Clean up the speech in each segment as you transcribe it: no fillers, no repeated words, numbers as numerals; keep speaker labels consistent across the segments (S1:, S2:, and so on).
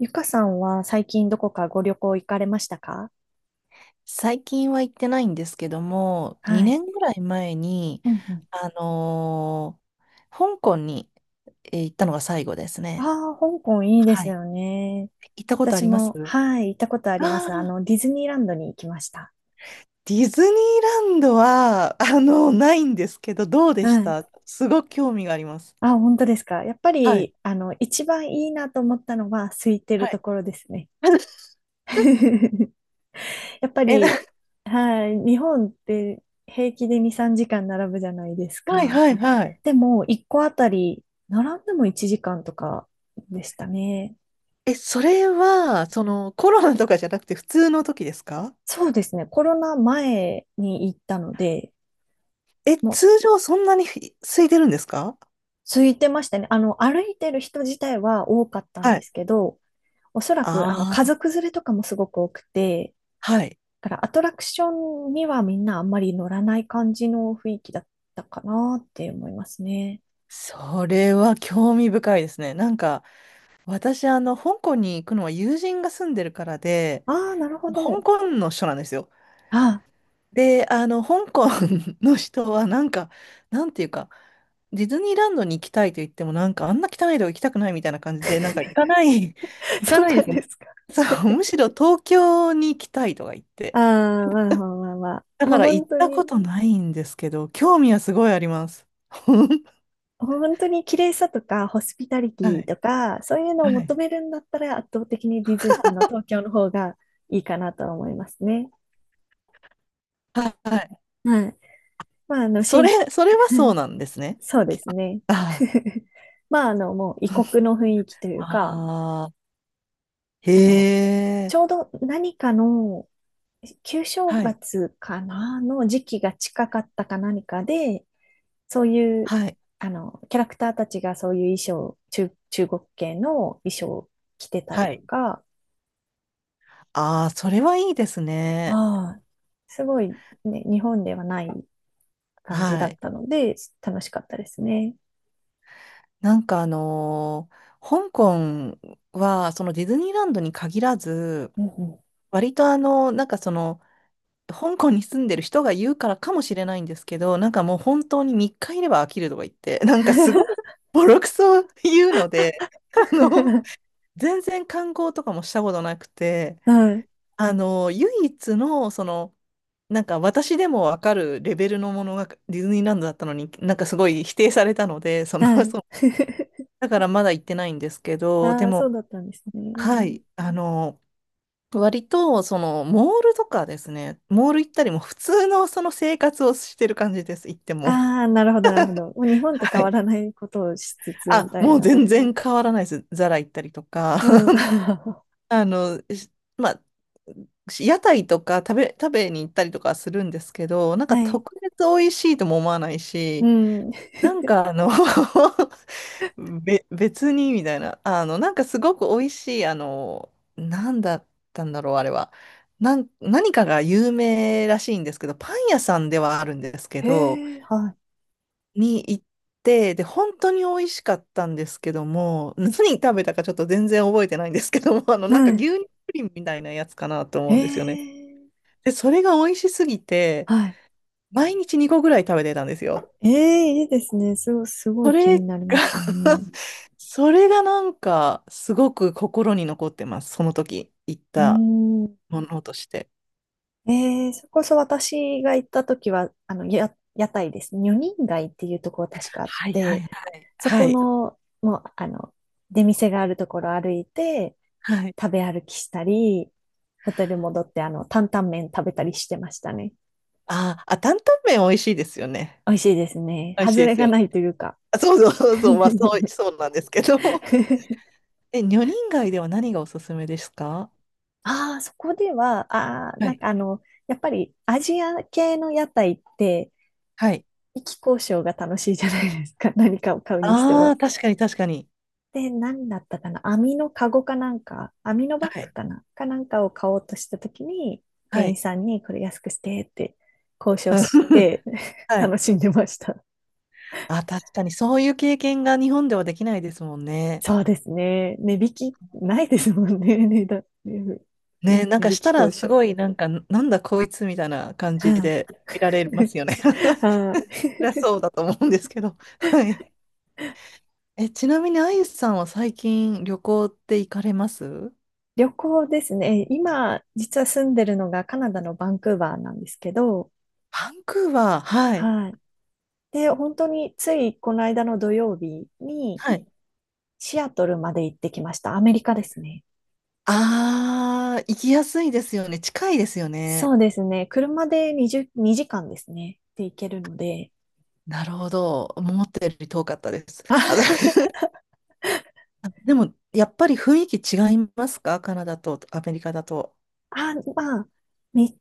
S1: ゆかさんは最近どこかご旅行行かれましたか？
S2: 最近は行ってないんですけども、
S1: は
S2: 2
S1: い。
S2: 年ぐらい前に、
S1: うんうん。
S2: あのー香港に、行ったのが最後ですね。
S1: ああ、香港いいで
S2: は
S1: す
S2: い。
S1: よね。
S2: 行ったことあ
S1: 私
S2: ります
S1: も、はい、行ったことあります。
S2: ー
S1: ディズニーランドに行きました。
S2: ディズニーランドは、ないんですけど、どうで
S1: は
S2: し
S1: い。
S2: た？すごく興味があります。
S1: あ、本当ですか。やっぱ
S2: はい。
S1: り、一番いいなと思ったのは、空いて
S2: は
S1: ると
S2: い。
S1: ころですね。やっぱ
S2: え、な、
S1: り、はい、日本って平気で2、3時間並ぶじゃないです
S2: はい
S1: か。
S2: はいはい。
S1: でも、1個あたり、並んでも1時間とかでしたね。
S2: え、それは、その、コロナとかじゃなくて普通の時ですか？
S1: そうですね。コロナ前に行ったので、
S2: え、
S1: もう
S2: 通常そんなに空いてるんですか？
S1: 空いてましたね。歩いてる人自体は多かったん
S2: は
S1: で
S2: い。
S1: すけど、おそらく、家
S2: あ、
S1: 族連れとかもすごく多くて、
S2: はい。
S1: だからアトラクションにはみんなあんまり乗らない感じの雰囲気だったかなって思いますね。
S2: それは興味深いですね。なんか、私、香港に行くのは友人が住んでるからで、
S1: ああ、なるほ
S2: 香
S1: ど。
S2: 港の人なんですよ。
S1: ああ、
S2: で、香港 の人は、なんか、なんていうか、ディズニーランドに行きたいと言っても、なんか、あんな汚いとこ行きたくないみたいな感じで、なんか、行かない、行か
S1: そう
S2: ない
S1: な
S2: で
S1: ん
S2: す
S1: で
S2: ね。
S1: すか。
S2: そう、むしろ東京に行きたいとか言って。
S1: ああ、まあまあまあまあ。
S2: だ
S1: も
S2: か
S1: う
S2: ら、行
S1: 本
S2: っ
S1: 当
S2: たこ
S1: に
S2: とないんですけど、興味はすごいあります。
S1: 本当に綺麗さとか、ホスピタリテ
S2: は
S1: ィ
S2: い。
S1: とか、そういうのを
S2: は
S1: 求
S2: い。
S1: めるんだったら、圧倒的にディズニー、東京の方がいいかなとは思いますね。
S2: はい。
S1: はい。まあ、
S2: それ、それはそう なんですね。
S1: そうですね。
S2: あ
S1: まあ、もう異国の雰囲気とい
S2: あ、
S1: うか、
S2: ああ、へ
S1: あの、
S2: え、
S1: ちょうど何かの旧正
S2: はい、
S1: 月かなの時期が近かったか何かで、そういう、
S2: はい、
S1: キャラクターたちがそういう衣装、中国系の衣装を着てたり
S2: は
S1: と
S2: い。
S1: か、
S2: ああ、それはいいですね。
S1: ああ、すごいね、日本ではない感じだ
S2: は
S1: っ
S2: い。
S1: たので、楽しかったですね。
S2: なんか香港は、そのディズニーランドに限らず、
S1: うんうん。
S2: 割となんかその、香港に住んでる人が言うからかもしれないんですけど、なんかもう本当に3日いれば飽きるとか言って、なんかすごいボロクソ言うので、あの、全然観光とかもしたことなくて、
S1: はい、
S2: 唯一の、その、なんか私でもわかるレベルのものがディズニーランドだったのに、なんかすごい否定されたので、その、
S1: は い。
S2: そう、だからまだ行ってないんですけど、で
S1: ああ、そう
S2: も、
S1: だったんです
S2: は
S1: ね。
S2: い、割と、その、モールとかですね、モール行ったりも普通のその生活をしてる感じです、行っても。
S1: ああ、なるほど、なるほど。もう日 本と変
S2: は
S1: わら
S2: い。
S1: ないことをしつつみ
S2: あ、
S1: たい
S2: もう
S1: な。
S2: 全然変わらないです。ザラ行ったりとか、
S1: うん。は
S2: あの、しまあ、屋台とか食べに行ったりとかはするんですけど、なんか特
S1: い。
S2: 別美味しいとも思わない
S1: う
S2: し、
S1: ん。
S2: なんか別にみたいな、なんかすごく美味しい、なんだったんだろう、あれは。何かが有名らしいんですけど、パン屋さんではあるんですけど、
S1: へえ、はい。
S2: に行って、で、本当に美味しかったんですけども、何食べたかちょっと全然覚えてないんですけども、なんか
S1: はい。
S2: 牛乳プリンみたいなやつかなと
S1: へ
S2: 思うんですよね。
S1: え、
S2: で、それが美味しすぎて、
S1: はい。
S2: 毎日2個ぐらい食べてたんですよ。
S1: ええ、いいですね。すごい、すご
S2: そ
S1: い気
S2: れ
S1: に
S2: が
S1: なりますね。
S2: それがなんか、すごく心に残ってます。その時、行っ
S1: う
S2: た
S1: ーん。
S2: ものとして。
S1: えそれこそ私が行った時は、屋台ですね。女人街っていうところ確かあっ
S2: はいはい
S1: て、
S2: はい。
S1: そ
S2: は
S1: こ
S2: い。
S1: の、もう、出店があるところ歩いて、
S2: はい。
S1: 食べ歩きしたり、ホテル戻って、担々麺食べたりしてましたね。
S2: あー、あ、担々麺美味しいですよね。
S1: 美味しいですね。
S2: 美味しい
S1: 外
S2: で
S1: れ
S2: す
S1: が
S2: よね。
S1: ないというか。
S2: あそうそうそうそう、まあそう、そうなんですけど。え、女人街では何がおすすめですか？
S1: ああ、そこでは、ああ、
S2: は
S1: なん
S2: い。
S1: かやっぱりアジア系の屋台って、
S2: はい。
S1: 意気交渉が楽しいじゃないですか。何かを買うにして
S2: ああ
S1: も。
S2: ー、確かに確かに。
S1: で、何だったかな網のカゴかなんか、網のバッ
S2: は
S1: グ
S2: い。
S1: かなかなんかを買おうとしたときに、
S2: は
S1: 店員
S2: い。
S1: さんにこれ安くしてって交渉し て
S2: はい。
S1: 楽しんでました。
S2: あ、確かにそういう経験が日本ではできないですもんね。
S1: そうですね。値引きないですもんね。値
S2: ね、なんか
S1: 引
S2: した
S1: き
S2: ら
S1: 交
S2: す
S1: 渉。
S2: ごいなんか、なんだこいつみたいな感じ
S1: はい。
S2: で見られますよね。そ
S1: はあ。
S2: りゃそうだと思うんですけど。はい。え、ちなみにあゆさんは最近旅行って行かれます？
S1: 旅行ですね。今、実は住んでるのがカナダのバンクーバーなんですけど、
S2: バンクーバー、はい。
S1: はい。で、本当についこの間の土曜日に、
S2: はい。
S1: シアトルまで行ってきました。アメリカですね。
S2: ああ、行きやすいですよね。近いですよ
S1: そ
S2: ね。
S1: うですね。車で20、2時間ですね。で行けるので。
S2: なるほど。思ったより遠かったです。
S1: あ、
S2: あ、だ でも、やっぱり雰囲気違いますか？カナダとアメリカだと。
S1: あまあ、み、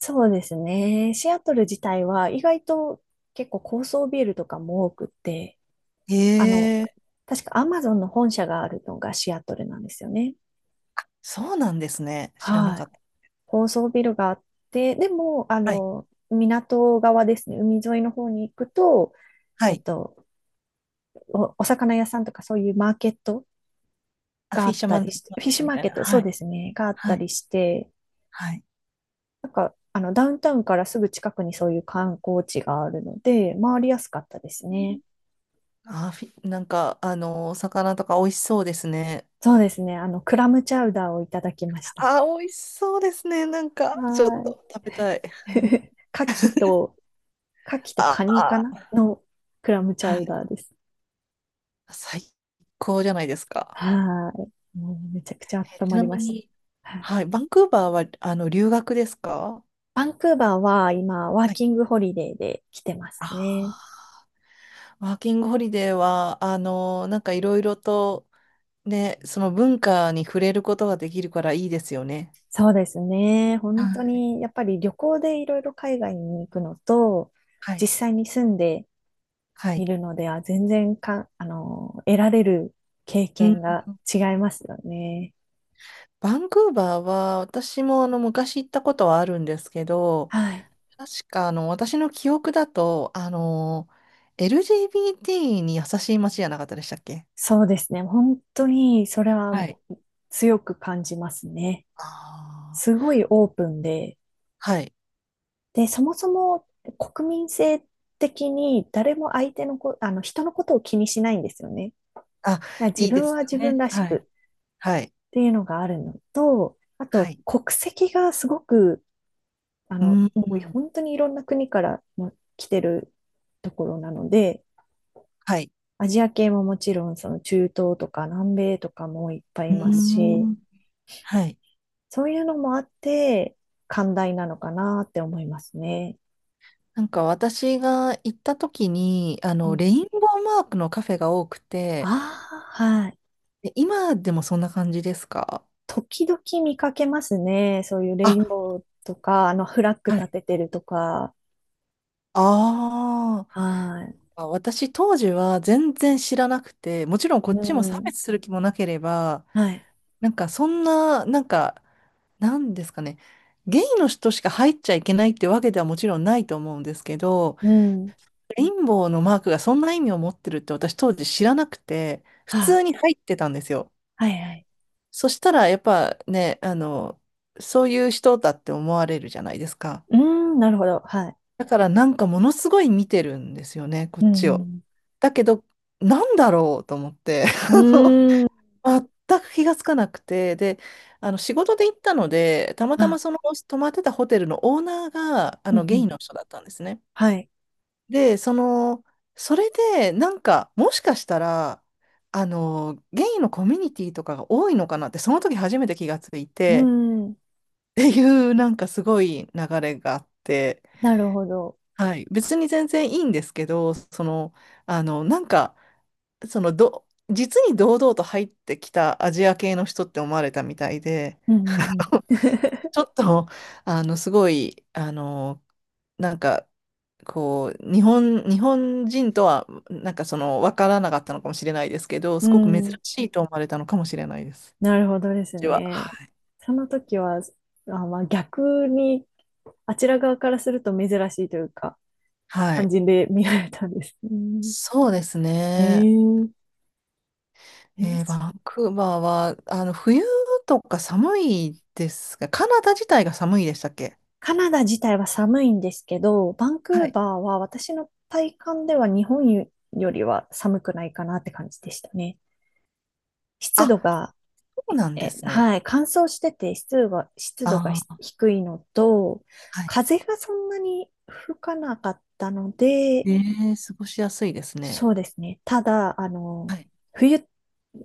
S1: そうですね。シアトル自体は意外と結構高層ビルとかも多くって、
S2: へ
S1: あの、
S2: え、
S1: 確かアマゾンの本社があるのがシアトルなんですよね。
S2: そうなんですね。知らな
S1: は
S2: か
S1: い。
S2: った。
S1: 高層ビルがあって、でも、
S2: はい。
S1: 港側ですね、海沿いの方に行くと、
S2: は
S1: えっ
S2: い。
S1: と、お魚屋さんとかそういうマーケット
S2: あ、
S1: があ
S2: フィッ
S1: っ
S2: シャー
S1: た
S2: マン
S1: り
S2: ズ
S1: して、
S2: マー
S1: フィッ
S2: ケッ
S1: シ
S2: ト
S1: ュ
S2: み
S1: マー
S2: たい
S1: ケッ
S2: な。
S1: ト、そ
S2: は
S1: うで
S2: い。
S1: すね、があった
S2: はい。
S1: りして、
S2: はい。
S1: なんか、ダウンタウンからすぐ近くにそういう観光地があるので、回りやすかったですね。
S2: なんか、お魚とか美味しそうですね。
S1: そうですね、クラムチャウダーをいただきました。
S2: あ、美味しそうですね。なんか、ちょっ
S1: はー
S2: と食べたい。
S1: い。
S2: はい。
S1: 牡蠣と
S2: あ
S1: カニか
S2: あ、
S1: なのクラムチ
S2: は
S1: ャウ
S2: い、
S1: ダーです。
S2: 最高じゃないですか。
S1: はーい。もうめちゃくちゃ
S2: え
S1: 温
S2: ち
S1: ま
S2: な
S1: りま
S2: み
S1: し
S2: に、
S1: た。はい。
S2: はい、バンクーバーはあの留学ですか？
S1: バンクーバーは今、ワー
S2: はい。
S1: キングホリデーで来てます
S2: あ
S1: ね。
S2: あ、ワーキングホリデーは、なんかいろいろとね、その文化に触れることができるからいいですよね。
S1: そうですね。
S2: は
S1: 本当
S2: い。
S1: に、やっぱり旅行でいろいろ海外に行くのと、
S2: は
S1: 実
S2: い。
S1: 際に住んで
S2: は
S1: み
S2: い。
S1: るのでは、全然か、あの、得られる経
S2: う
S1: 験
S2: ん。
S1: が違いますよね。
S2: バンクーバーは、私もあの昔行ったことはあるんですけど、
S1: はい。
S2: 確かあの私の記憶だと、LGBT に優しい街じゃなかったでしたっけ？
S1: そうですね。本当に、それは
S2: はい。
S1: 強く感じますね。
S2: ああ、
S1: すごいオープンで、
S2: はい。
S1: で、そもそも国民性的に誰も相手のこ、あの、人のことを気にしないんですよね。
S2: あ、
S1: だから自
S2: いいで
S1: 分
S2: す
S1: は
S2: よ
S1: 自分
S2: ね。
S1: らし
S2: はい。
S1: く
S2: はい。
S1: っていうのがあるのと、あ
S2: は
S1: と
S2: い。
S1: 国籍がすごく、
S2: うー
S1: もう
S2: ん。
S1: 本当にいろんな国からも来てるところなので、
S2: はい。
S1: アジア系ももちろんその中東とか南米とかもいっぱい
S2: う
S1: い
S2: ー
S1: ますし、
S2: ん。はい。
S1: そういうのもあって寛大なのかなって思いますね。
S2: なんか私が行った時に、
S1: うん、
S2: レインボーマークのカフェが多くて、
S1: ああ、はい。
S2: え今でもそんな感じですか？
S1: 時々見かけますね。そういう
S2: あ、
S1: レインボーとか、フラッグ
S2: は
S1: 立
S2: い。
S1: ててるとか。
S2: あー、
S1: はい。
S2: あ。私当時は全然知らなくて、もちろんこっ
S1: う
S2: ちも差
S1: ん。
S2: 別する気もなければ、
S1: はい。
S2: なんかそんな、なんかなんですかね。ゲイの人しか入っちゃいけないってわけではもちろんないと思うんですけど、
S1: うん。
S2: レインボーのマークがそんな意味を持ってるって私当時知らなくて、普
S1: はあ、
S2: 通に入ってたんですよ。
S1: はいはい。
S2: そしたらやっぱね、そういう人だって思われるじゃないですか。
S1: うーん、なるほど。はい。
S2: だからなんかものすごい見てるんですよね、こ
S1: う
S2: っちを。
S1: ん
S2: だけど、なんだろうと思って。
S1: う ん。うーん。
S2: 全く気がつかなくて、で、あの仕事で行ったので、たまたま
S1: あ、
S2: その泊まってたホテルのオーナーがあ
S1: うん
S2: のゲ
S1: う
S2: イ
S1: ん。
S2: の人だったんですね。
S1: はい。
S2: で、その、それで、なんか、もしかしたら、ゲイのコミュニティとかが多いのかなって、その時初めて気がつい
S1: うー
S2: て、
S1: ん。
S2: っていう、なんかすごい流れがあって、
S1: なるほど。
S2: はい、別に全然いいんですけど、その、なんか、そのど、実に堂々と入ってきたアジア系の人って思われたみたいで、
S1: うんうん
S2: ちょっと、すごい、なんか、こう、日本人とは、なんかその、わからなかったのかもしれないですけど、
S1: う
S2: すごく珍
S1: ん。うーん。
S2: しいと思われたのかもしれないです。
S1: なるほどです
S2: 私は。
S1: ね。
S2: はい。
S1: その時は、あ、まあ逆に、あちら側からすると珍しいというか、
S2: は
S1: 感
S2: い。
S1: じで見られたんです。うん。
S2: そうです
S1: え
S2: ね。
S1: ー、え
S2: えーバ
S1: ー
S2: ンクーバーは、冬とか寒いですが、カナダ自体が寒いでしたっけ？
S1: カナダ自体は寒いんですけど、バンク
S2: は
S1: ー
S2: い。
S1: バーは私の体感では日本よりは寒くないかなって感じでしたね。湿
S2: あ、
S1: 度が
S2: そうなんですね。
S1: はい、乾燥してて湿度が
S2: あ、
S1: 低いのと、
S2: はい。
S1: 風がそんなに吹かなかったので、
S2: ええ、過ごしやすいですね。
S1: そうですね。ただ、
S2: はい。
S1: 冬、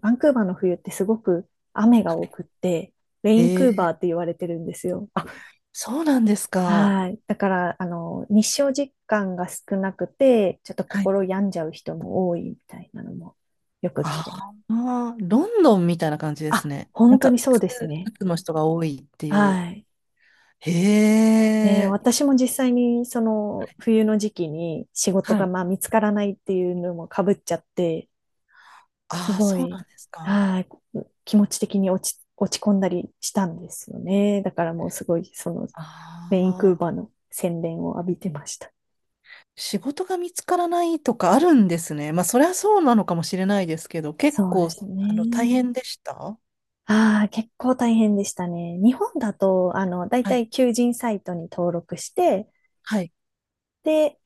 S1: バンクーバーの冬ってすごく雨が
S2: は
S1: 多
S2: い。
S1: くって、レイ
S2: え
S1: ンクーバー
S2: え、
S1: って言われてるんですよ。
S2: あ、そうなんですか。
S1: はい。だから、日照時間が少なくて、ちょっと
S2: はい。
S1: 心病んじゃう人も多いみたいなのもよく聞
S2: あ
S1: きます。
S2: あ、ロンドンみたいな感じです
S1: あ、
S2: ね。なん
S1: 本当
S2: か、
S1: にそうですね。
S2: うつの人が多いっていう。
S1: はい。
S2: へ
S1: ねえ、
S2: え。
S1: 私も実際にその冬の時期に仕事
S2: は
S1: が
S2: い。
S1: まあ見つからないっていうのも被っちゃって、す
S2: ああ、
S1: ご
S2: そう
S1: い、
S2: なんですか。
S1: はい、気持ち的に落ち込んだりしたんですよね。だからもうすごいその
S2: あ
S1: メインクーバー
S2: あ、
S1: の洗練を浴びてました。
S2: 仕事が見つからないとかあるんですね。まあ、そりゃそうなのかもしれないですけど、結
S1: そう
S2: 構、
S1: です
S2: 大
S1: ね。
S2: 変でした？
S1: ああ、結構大変でしたね。日本だと、だい
S2: は
S1: た
S2: い。
S1: い求人サイトに登録して、
S2: はい。
S1: で、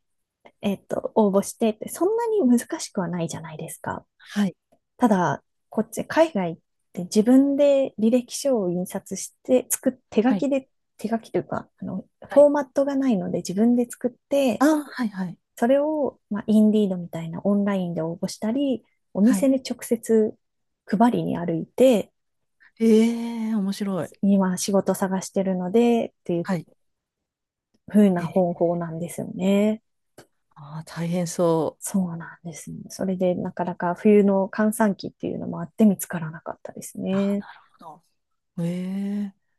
S1: 応募してって、そんなに難しくはないじゃないですか。
S2: はい。
S1: ただ、こっち、海外って自分で履歴書を印刷して、手書
S2: はい。
S1: きで、手書きというか、
S2: は
S1: フォ
S2: い。
S1: ーマットがないので自分で作っ
S2: あ
S1: て、
S2: あ、はい、はい。
S1: それを、まあ、インディードみたいなオンラインで応募したり、お
S2: は
S1: 店
S2: い、
S1: に直接配りに歩いて、
S2: ええ面白い。
S1: 今仕事探してるので、っていう
S2: はい。
S1: 風
S2: え
S1: な
S2: ー、
S1: 方法なんですよね。
S2: ああ、大変そ
S1: そうなんですね。それでなかなか冬の閑散期っていうのもあって見つからなかったです
S2: う。ああ、
S1: ね。
S2: なるほど。ええ